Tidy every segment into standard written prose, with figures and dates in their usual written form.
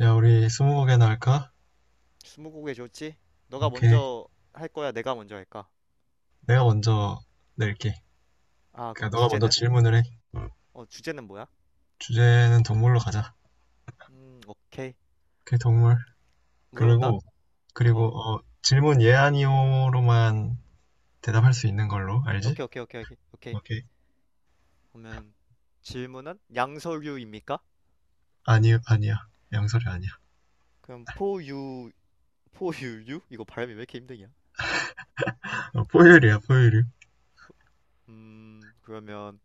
야, 우리 스무고개나 할까? 스무고개 좋지? 너가 오케이. 먼저 할 거야? 내가 먼저 할까? 내가 먼저 낼게. 그럼 그러니까 너가 먼저 주제는? 질문을 해. 주제는 뭐야? 주제는 동물로 가자. 오케이. 오케이, 동물. 음, 물어본다? 그리고 어, 질문 예 아니오로만 대답할 수 있는 걸로 알지? 오케이, 오케이, 오케이, 오케이. 오케이. 오케이. 그러면 질문은 양서류입니까? 아니, 아니야. 양설이 아니야. 그럼 포유류? 이거 발음이 왜 이렇게 힘드냐? 어, 포유류야, 포유류. 그러면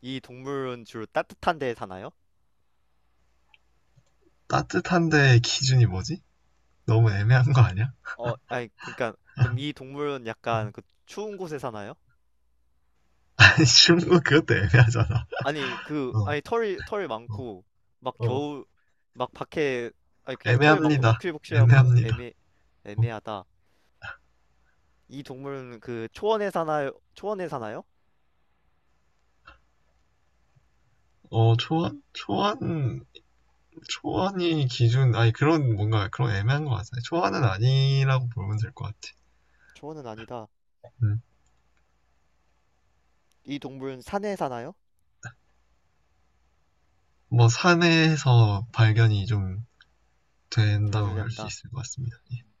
이 동물은 주로 따뜻한 데에 사나요? 따뜻한데 기준이 뭐지? 너무 애매한 거 아니야? 어, 아니, 그러니까 그럼 이 동물은 약간 추운 곳에 사나요? 아니, 쉬운 거 그것도 애매하잖아. 아니 그 어, 아니 털이 털 어, 많고 막 어. 겨우 막 밖에 아니 그냥 털 많고 복 애매합니다. 실복실하고 애매합니다. 애매 어, 애매하다. 이 동물은 초원에 사나요? 초원에 사나요? 어, 초안? 초안 초안이 기준, 아니, 그런, 뭔가, 그런 애매한 것 같아요. 초안은 아니라고 보면 될 것 같아. 초원은 아니다. 음. 이 동물은 산에 사나요? 뭐, 산에서 발견이 좀 자주 된다고 할 수 된다. 있을 것 같습니다. 예. 음.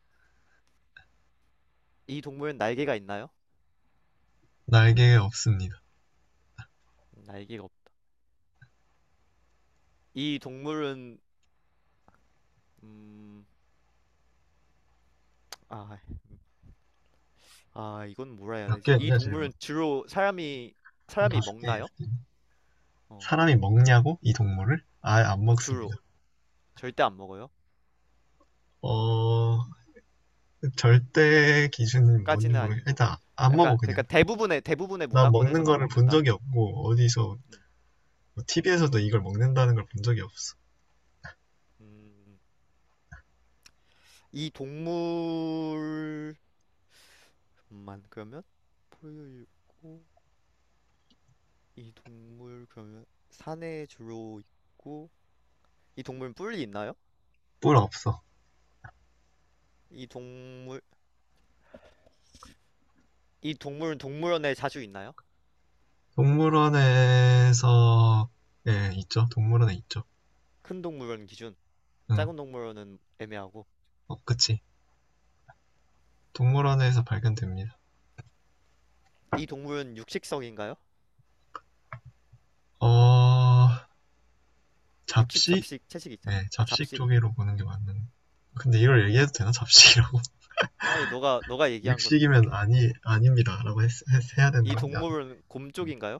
이 동물은 날개가 있나요? 날개 없습니다. 날개가 없. 이 동물은 음, 아, 아 이건 뭐라 해야 몇 되지? 이 개였냐, 질문? 동물은 주로 한 사람이 다섯 개어요. 먹나요? 어, 사람이 먹냐고? 이 동물을? 아예 안 주로 먹습니다. 절대 안 먹어요. 어, 절대 기준은 뭔지 까지는 모르겠, 아니고 일단, 안 약간 먹어, 그냥. 그러니까 대부분의 나 먹는 문화권에서는 안 거를 본 먹는다. 적이 없고, 어디서, 음. TV에서도 이걸 먹는다는 걸 본 적이 없어. 음. 이 동물만 그러면 포유류고 이 동물 그러면 산에 주로 있고 이 동물은 뿔이 있나요? 뿔 없어. 이 동물 이 동물은 동물원에 자주 있나요? 동물원에서 예, 있죠. 동물원에 있죠. 큰 동물원 기준, 응. 작은 동물원은 애매하고. 어, 그치. 동물원에서 발견됩니다. 이 동물은 육식성인가요? 어, 육식 잡식? 잡식 채식 있잖아. 네, 아 잡식 잡식. 쪽으로 보는 게 맞는. 근데 이걸 얘기해도 되나? 잡식이라고? 아니 너가 얘기한 건 육식이면 뭔지. 아니, 아닙니다 라고 해야 되는 이 거냐? 동물은 곰 쪽인가요?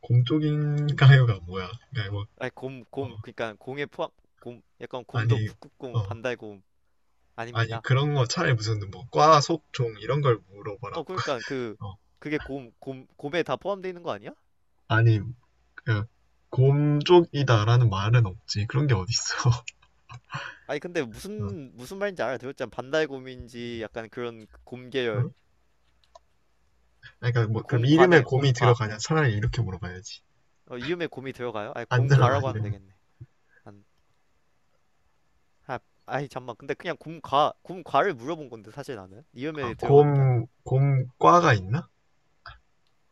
곰 쪽인가요가 뭐야? 그러니까 뭐, 아니 곰, 어, 곰, 그러니까 공에 포함, 곰, 약간 아니, 곰도 어, 북극곰, 반달곰 아니, 아닙니다. 그런 거 차라리 무슨 뭐, 과, 속, 종, 이런 걸 물어보라고. 그러니까 어, 그게 곰에 다 포함되어 있는 거 아니야? 아니, 그, 곰 쪽이다라는 말은 없지. 그런 게 어딨어. 아니 근데 어, 무슨 말인지 알아들었잖아. 반달곰인지 약간 그런 곰 어? 계열, 그러니까 뭐 그럼 이름에 곰과네, 곰이 곰과. 들어가냐? 차라리 이렇게 물어봐야지. 어, 이음에 곰이 들어가요? 아니 안 들어가 곰과라고 하면 이름에. 되겠네. 안, 아, 아이 잠만. 근데 그냥 곰과를 물어본 건데 사실 나는 아, 이음에 들어가는 게 곰 아니고. 곰과가 있나?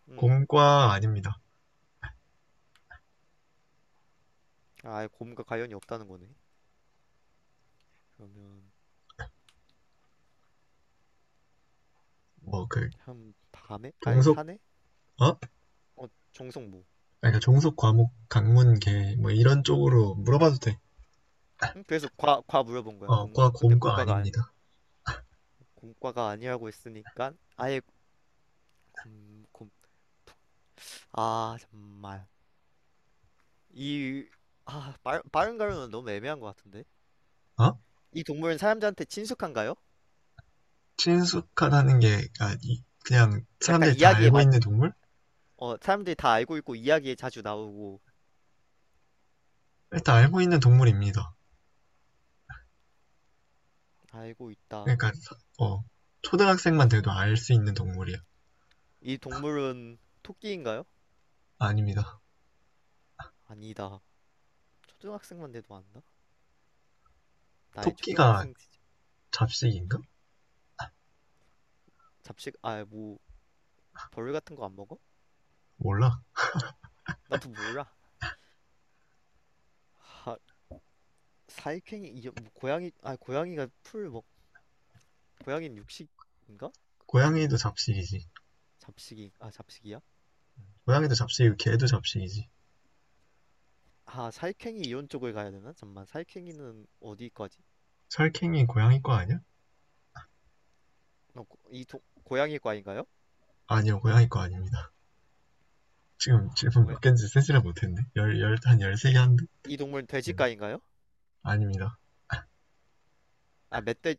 음, 곰과 아닙니다. 아, 아예 곰과 관련이 없다는 거네. 그러면 뭐 그 한 밤에? 아니 종속. 산에? 어? 어, 정성모. 그러니까 종속 과목 강문계 뭐 이런 쪽으로 물어봐도 돼. 응? 그래서 과 물어본 거야. 어, 과 근데 곰과 공과가 아니, 아닙니다. 공과가 아니라고 했으니까 아예 곰, 곰, 아 정말 이, 빠른 가루는 너무 애매한 것 같은데. 어? 이 동물은 사람들한테 친숙한가요? 친숙하다는 게 아, 그냥 약간 사람들이 다 이야기에 알고 마, 있는 동물? 어 사람들이 다 알고 있고 이야기에 자주 나오고 일단 알고 있는 동물입니다. 알고 있다. 그러니까 어, 초등학생만 돼도 알 수 있는 동물이야. 이 동물은 토끼인가요? 아닙니다. 아니다. 초등학생만 돼도 안다? 나의 토끼가 초등학생 시절. 잡식인가? 잡식, 아 뭐 벌 같은 거 안 먹어? 몰라. 나도 몰라. 사익행위 이게 뭐 고양이가 풀 먹, 고양이는 육식인가? 고양이도 잠만 잡식이지. 잡식이 아 잡식이야? 네. 고양이도 잡식이고 개도 잡식이지. 아 사익행위 이론 쪽을 가야 되나? 잠만 사익행위는 어디까지? 설캥이 고양이 거 아니야? 이 동, 고양이과인가요? 아니요, 고양이 거 아닙니다. 지금 아, 질문 고양, 몇 개인지 세지를 못했네. 한 13개 한데? 이 동물 은 네. 돼지과인가요? 아닙니다. 아 멧돼,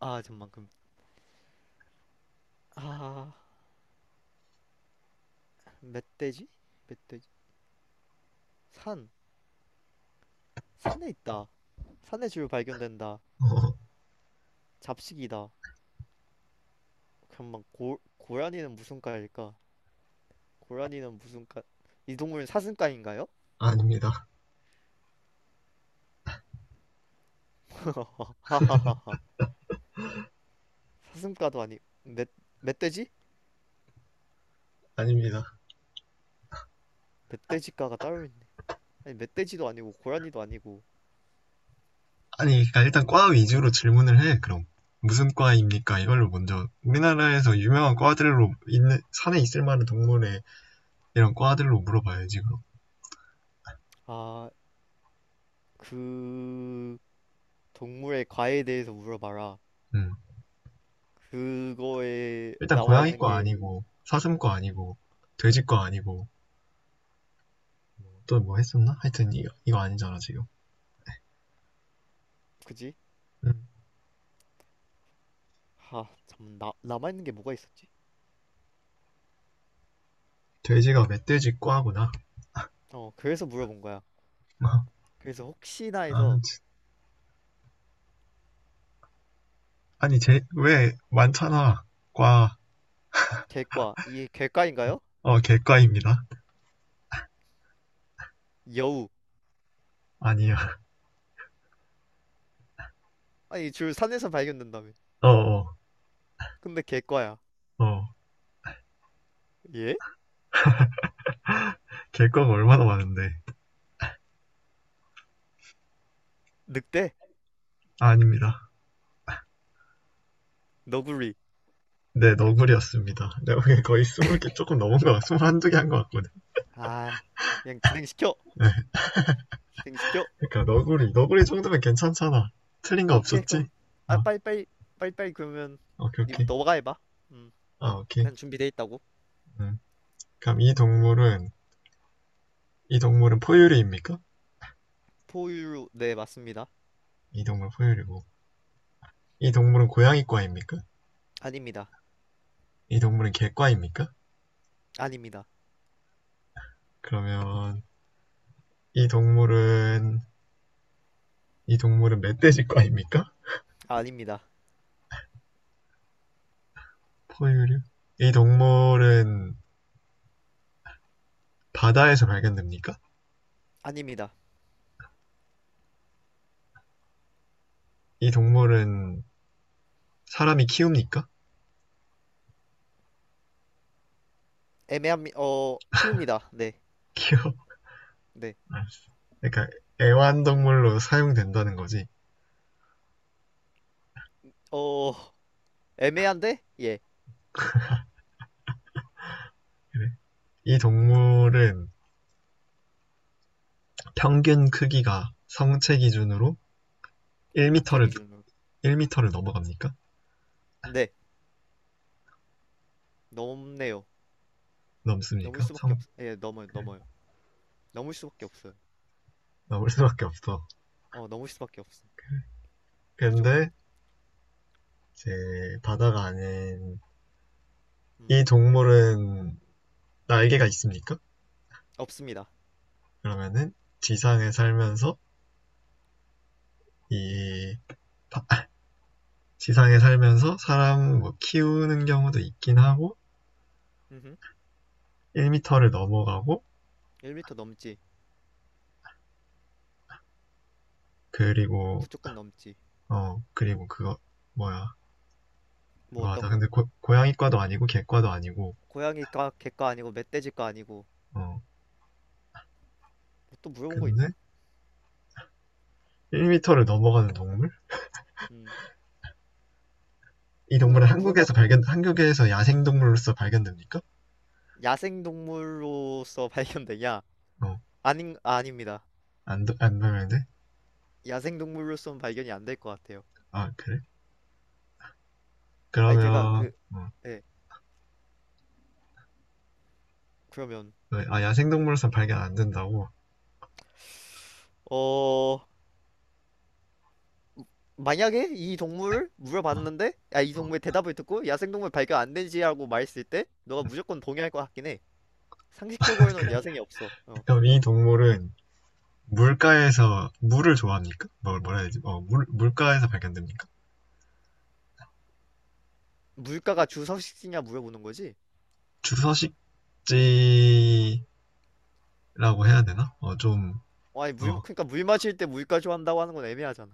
아 잠만 그럼 아 멧돼지? 멧돼지. 산. 산에 있다. 산에 주로 발견된다. 어, 잡식이다. 잠만 고 고라니는 무슨 과일까? 고라니는 무슨 과? 이 동물은 사슴과인가요? 아닙니다. 하하하하 사슴과도 아니 멧, 멧돼지? 아닙니다. 멧돼지과가 따로 있네. 아니 멧돼지도 아니고 고라니도 아니고. 아니, 그러니까 일단 음. 과 위주로 질문을 해, 그럼. 무슨 과입니까? 이걸로 먼저 우리나라에서 유명한 과들로 있는 산에 있을 만한 동물의 이런 과들로 물어봐야지 그럼. 아, 그 동물의 과에 대해서 물어봐라. 음. 그거에 일단 나와 있는 고양이과 게. 아니고 사슴과 음, 아니고 돼지과 아니고 또 뭐 했었나? 하여튼 이거 아니잖아 지금. 그지? 음, 아, 잠깐 나 남아 있는 게 뭐가 있었지? 돼지가 멧돼지 과구나. 어, 그래서 물어본 거야. 그래서 혹시나 해서 아무튼 아니 왜 많잖아 과. 개과 이게 개과인가요? 어, 개과입니다. 여우. 아니야. 아니 줄 산에서 발견된다며. 어어어. 근데 개과야. 어, 어. 예? 개과가 얼마나 많은데. 늑대? 아, 아닙니다. 너구리. 네, 너구리였습니다. 내가 보기엔 거의 스물 개 조금 넘은 거, 한두 개 한 거 같거든. 아, 그냥 진행시켜. 진행시켜. 그러니까 너구리, 너구리 정도면 괜찮잖아. 틀린 거 오케이. 없었지? 그럼 아, 아, 빨리빨리 빨리빨리 그러면 오케이, 이분 오케이. 너가 해봐. 음, 아, 오케이. 난 준비돼 있다고. 음. 그럼 이 동물은 포유류입니까? 포유류 네, 맞습니다. 이 동물 포유류고. 이 동물은 고양이과입니까? 아닙니다. 이 동물은 개과입니까? 아닙니다. 그러면 이 동물은 이 동물은 멧돼지과입니까? 아닙니다. 포유류? 이 동물은 바다에서 발견됩니까? 아닙니다. 이 동물은 사람이 키웁니까? 애매한 어 키웁니다. 네. 키워. 네. 알았어. 그러니까 애완동물로 사용된다는 거지. 어 애매한데? 예. 그래. 이 동물은 평균 크기가 성체 기준으로 정체 1m를 기준으로. 1터를 넘어갑니까? 네. 넘네요. 넘을 넘습니까? 수밖에 없. 성 예, 넘어요. 넘어요. 넘을 수밖에 없어요. 넘을 수밖에 없어. 어, 넘을 수밖에 없어. 무조건. 근데 이제 바다가 아닌 이 음. 동물은 날개가 있습니까? 없습니다. 그러면은 지상에 살면서 이 바- 아, 사람 뭐 키우는 경우도 있긴 하고 음. 1m를 넘어가고 1m 넘지. 그리고 무조건 넘지. 그리고 그거 뭐야. 뭐 그거 하다 어떤 거? 근데 고양이과도 아니고 개과도 아니고. 고양이과, 개과 아니고 멧돼지과 아니고. 어, 뭐또 물어본 거 있나? 근데 1m를 넘어가는 동물? 음. 이 뭐 동물은 더 물어봐. 한국에서 야생 동물로서 발견됩니까? 야생동물로서 발견되냐? 닙니다. 어안안. 발견돼? 야생동물로서는 발견이 안될 것 같아요. 아 그래? 아니 제가 그러면 그 예. 그러면 야생동물로서 발견 안 된다고? 어, 만약에 이 동물을 어, 물어봤는데 야, 이 어. 동물의 대답을 듣고 야생동물 발견 안 되지라고 말했을 때 너가 무조건 동의할 것 같긴 해. 상식적으로는 그래. 야생이 없어. 어. 그럼 이 동물은 물가에서 물을 좋아합니까? 뭘 뭐라 해야 되지? 어, 물 물가에서 발견됩니까? 물가가 주서식지냐 물어보는 거지? 주서식지라고 해야 되나? 어, 좀. 아니 어, 물 마실 때 물가 좋아한다고 하는 건 애매하잖아.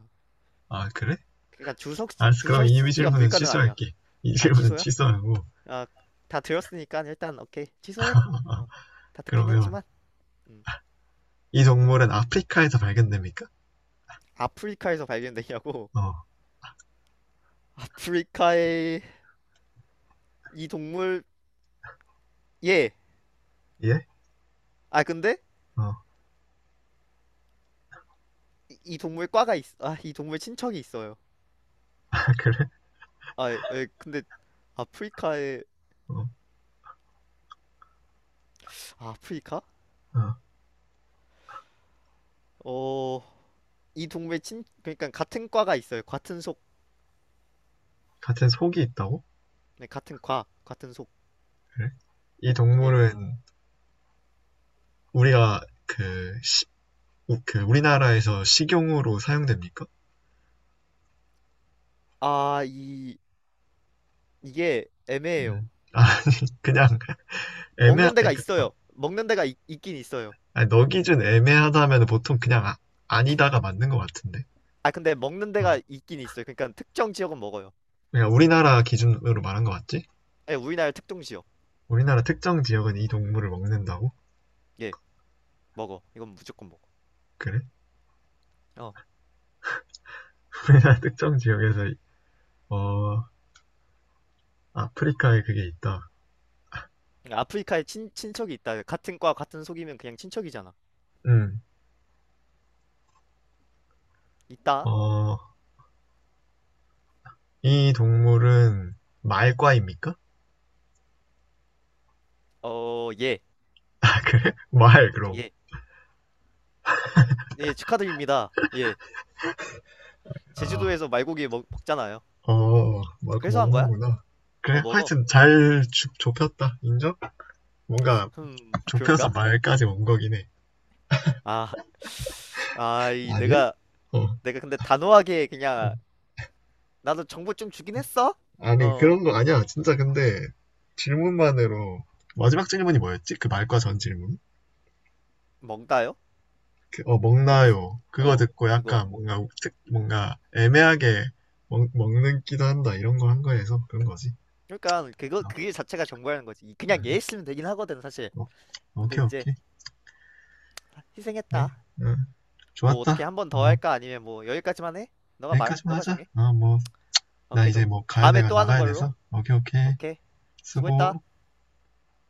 아 그래? 그러니까 알았어. 그럼 주석 이 씨가 질문은 물가는 아니야. 취소할게. 이 아 질문은 취소야? 취소하고. 아 다 들었으니까 일단 오케이 어, 취소해. 어. 어, 다 듣긴 그러면 했지만. 음. 이 동물은 아프리카에서 발견됩니까? 아프리카에서 발견되냐고. 어, 아프리카의 이 동물. 예. 예? 아 근데 어, 이 동물 과가 있. 아이 동물 친척이 있어요. 그래? 예, 예, 근데 아프리카에, 어, 아프리카? 어. 어, 이 동물 친 그러니까 같은 과가 있어요. 같은 속. 같은 속이 있다고? 네, 같은 과 같은 속. 그래? 이 예. 동물은 우리가 그, 시- 그 우리나라에서 식용으로 사용됩니까? 아, 이, 이게 애매해요. 음. 아, 그냥 먹는 데가 그러니까, 어, 있어요. 긴 있어요. 아니, 너 기준 애매하다면 보통 그냥 아, 니다가 맞는 것 같은데. 아, 근데 먹는 어. 데가 있긴 있어요. 그러니까 특정 지역은 먹어요. 그냥 우리나라 기준으로 말한 것 같지? 예, 우리나라 특정 지역. 우리나라 특정 지역은 이 동물을 먹는다고? 예, 먹어. 이건 무조건 먹어. 그래? 어. 우리나라 특정 지역에서 어, 아프리카에 그게 있다. 그러니까 아프리카에 친척이 있다. 같은 과, 같은 속이면 그냥 친척이잖아. 음. 있다? 어, 이 동물은 말과입니까? 어, 예. 아, 그래? 말, 그럼. 예. 예, 축하드립니다. 예. 아, 제주도에서 먹잖아요. 막 그래서 한 거야? 먹는구나. 어, 그래, 먹어. 하여튼 잘 좁혔다. 인정? 뭔가 흠, 좁혀서 그런가? 말까지 온 거긴 해. 아, 아니야? 내가, 어. 내가 근데 단호하게 그냥 나도 정보 좀 주긴 했어. 아니, 어, 그런 거 아니야. 진짜 근데 질문만으로 마지막 질문이 뭐였지? 그 말과 전 질문? 뭔가요? 음식, 먹나요? 그거 어, 듣고 그거. 약간 뭔가 뭔가 애매하게 먹는 기도 한다. 이런 거 한 거에서 그런 거지. 그러니까 그거 그게 자체가 정보라는 거지. 그냥 얘 있으면 되긴 하거든 사실. 어, 어. 근데 오케이, 이제 오케이. 네. 희생했다. 어, 뭐 어떻게 좋았다. 한 번 더 뭐, 할까? 아니면 뭐 여기까지만 해? 여기까지만 너가 하자. 정해. 어, 뭐. 나 오케이 이제 그럼 뭐 가야 다음에 돼가 또 하는 나가야 걸로. 돼서 오케이, 오케이, 오케이. 쓰 수고했다. 고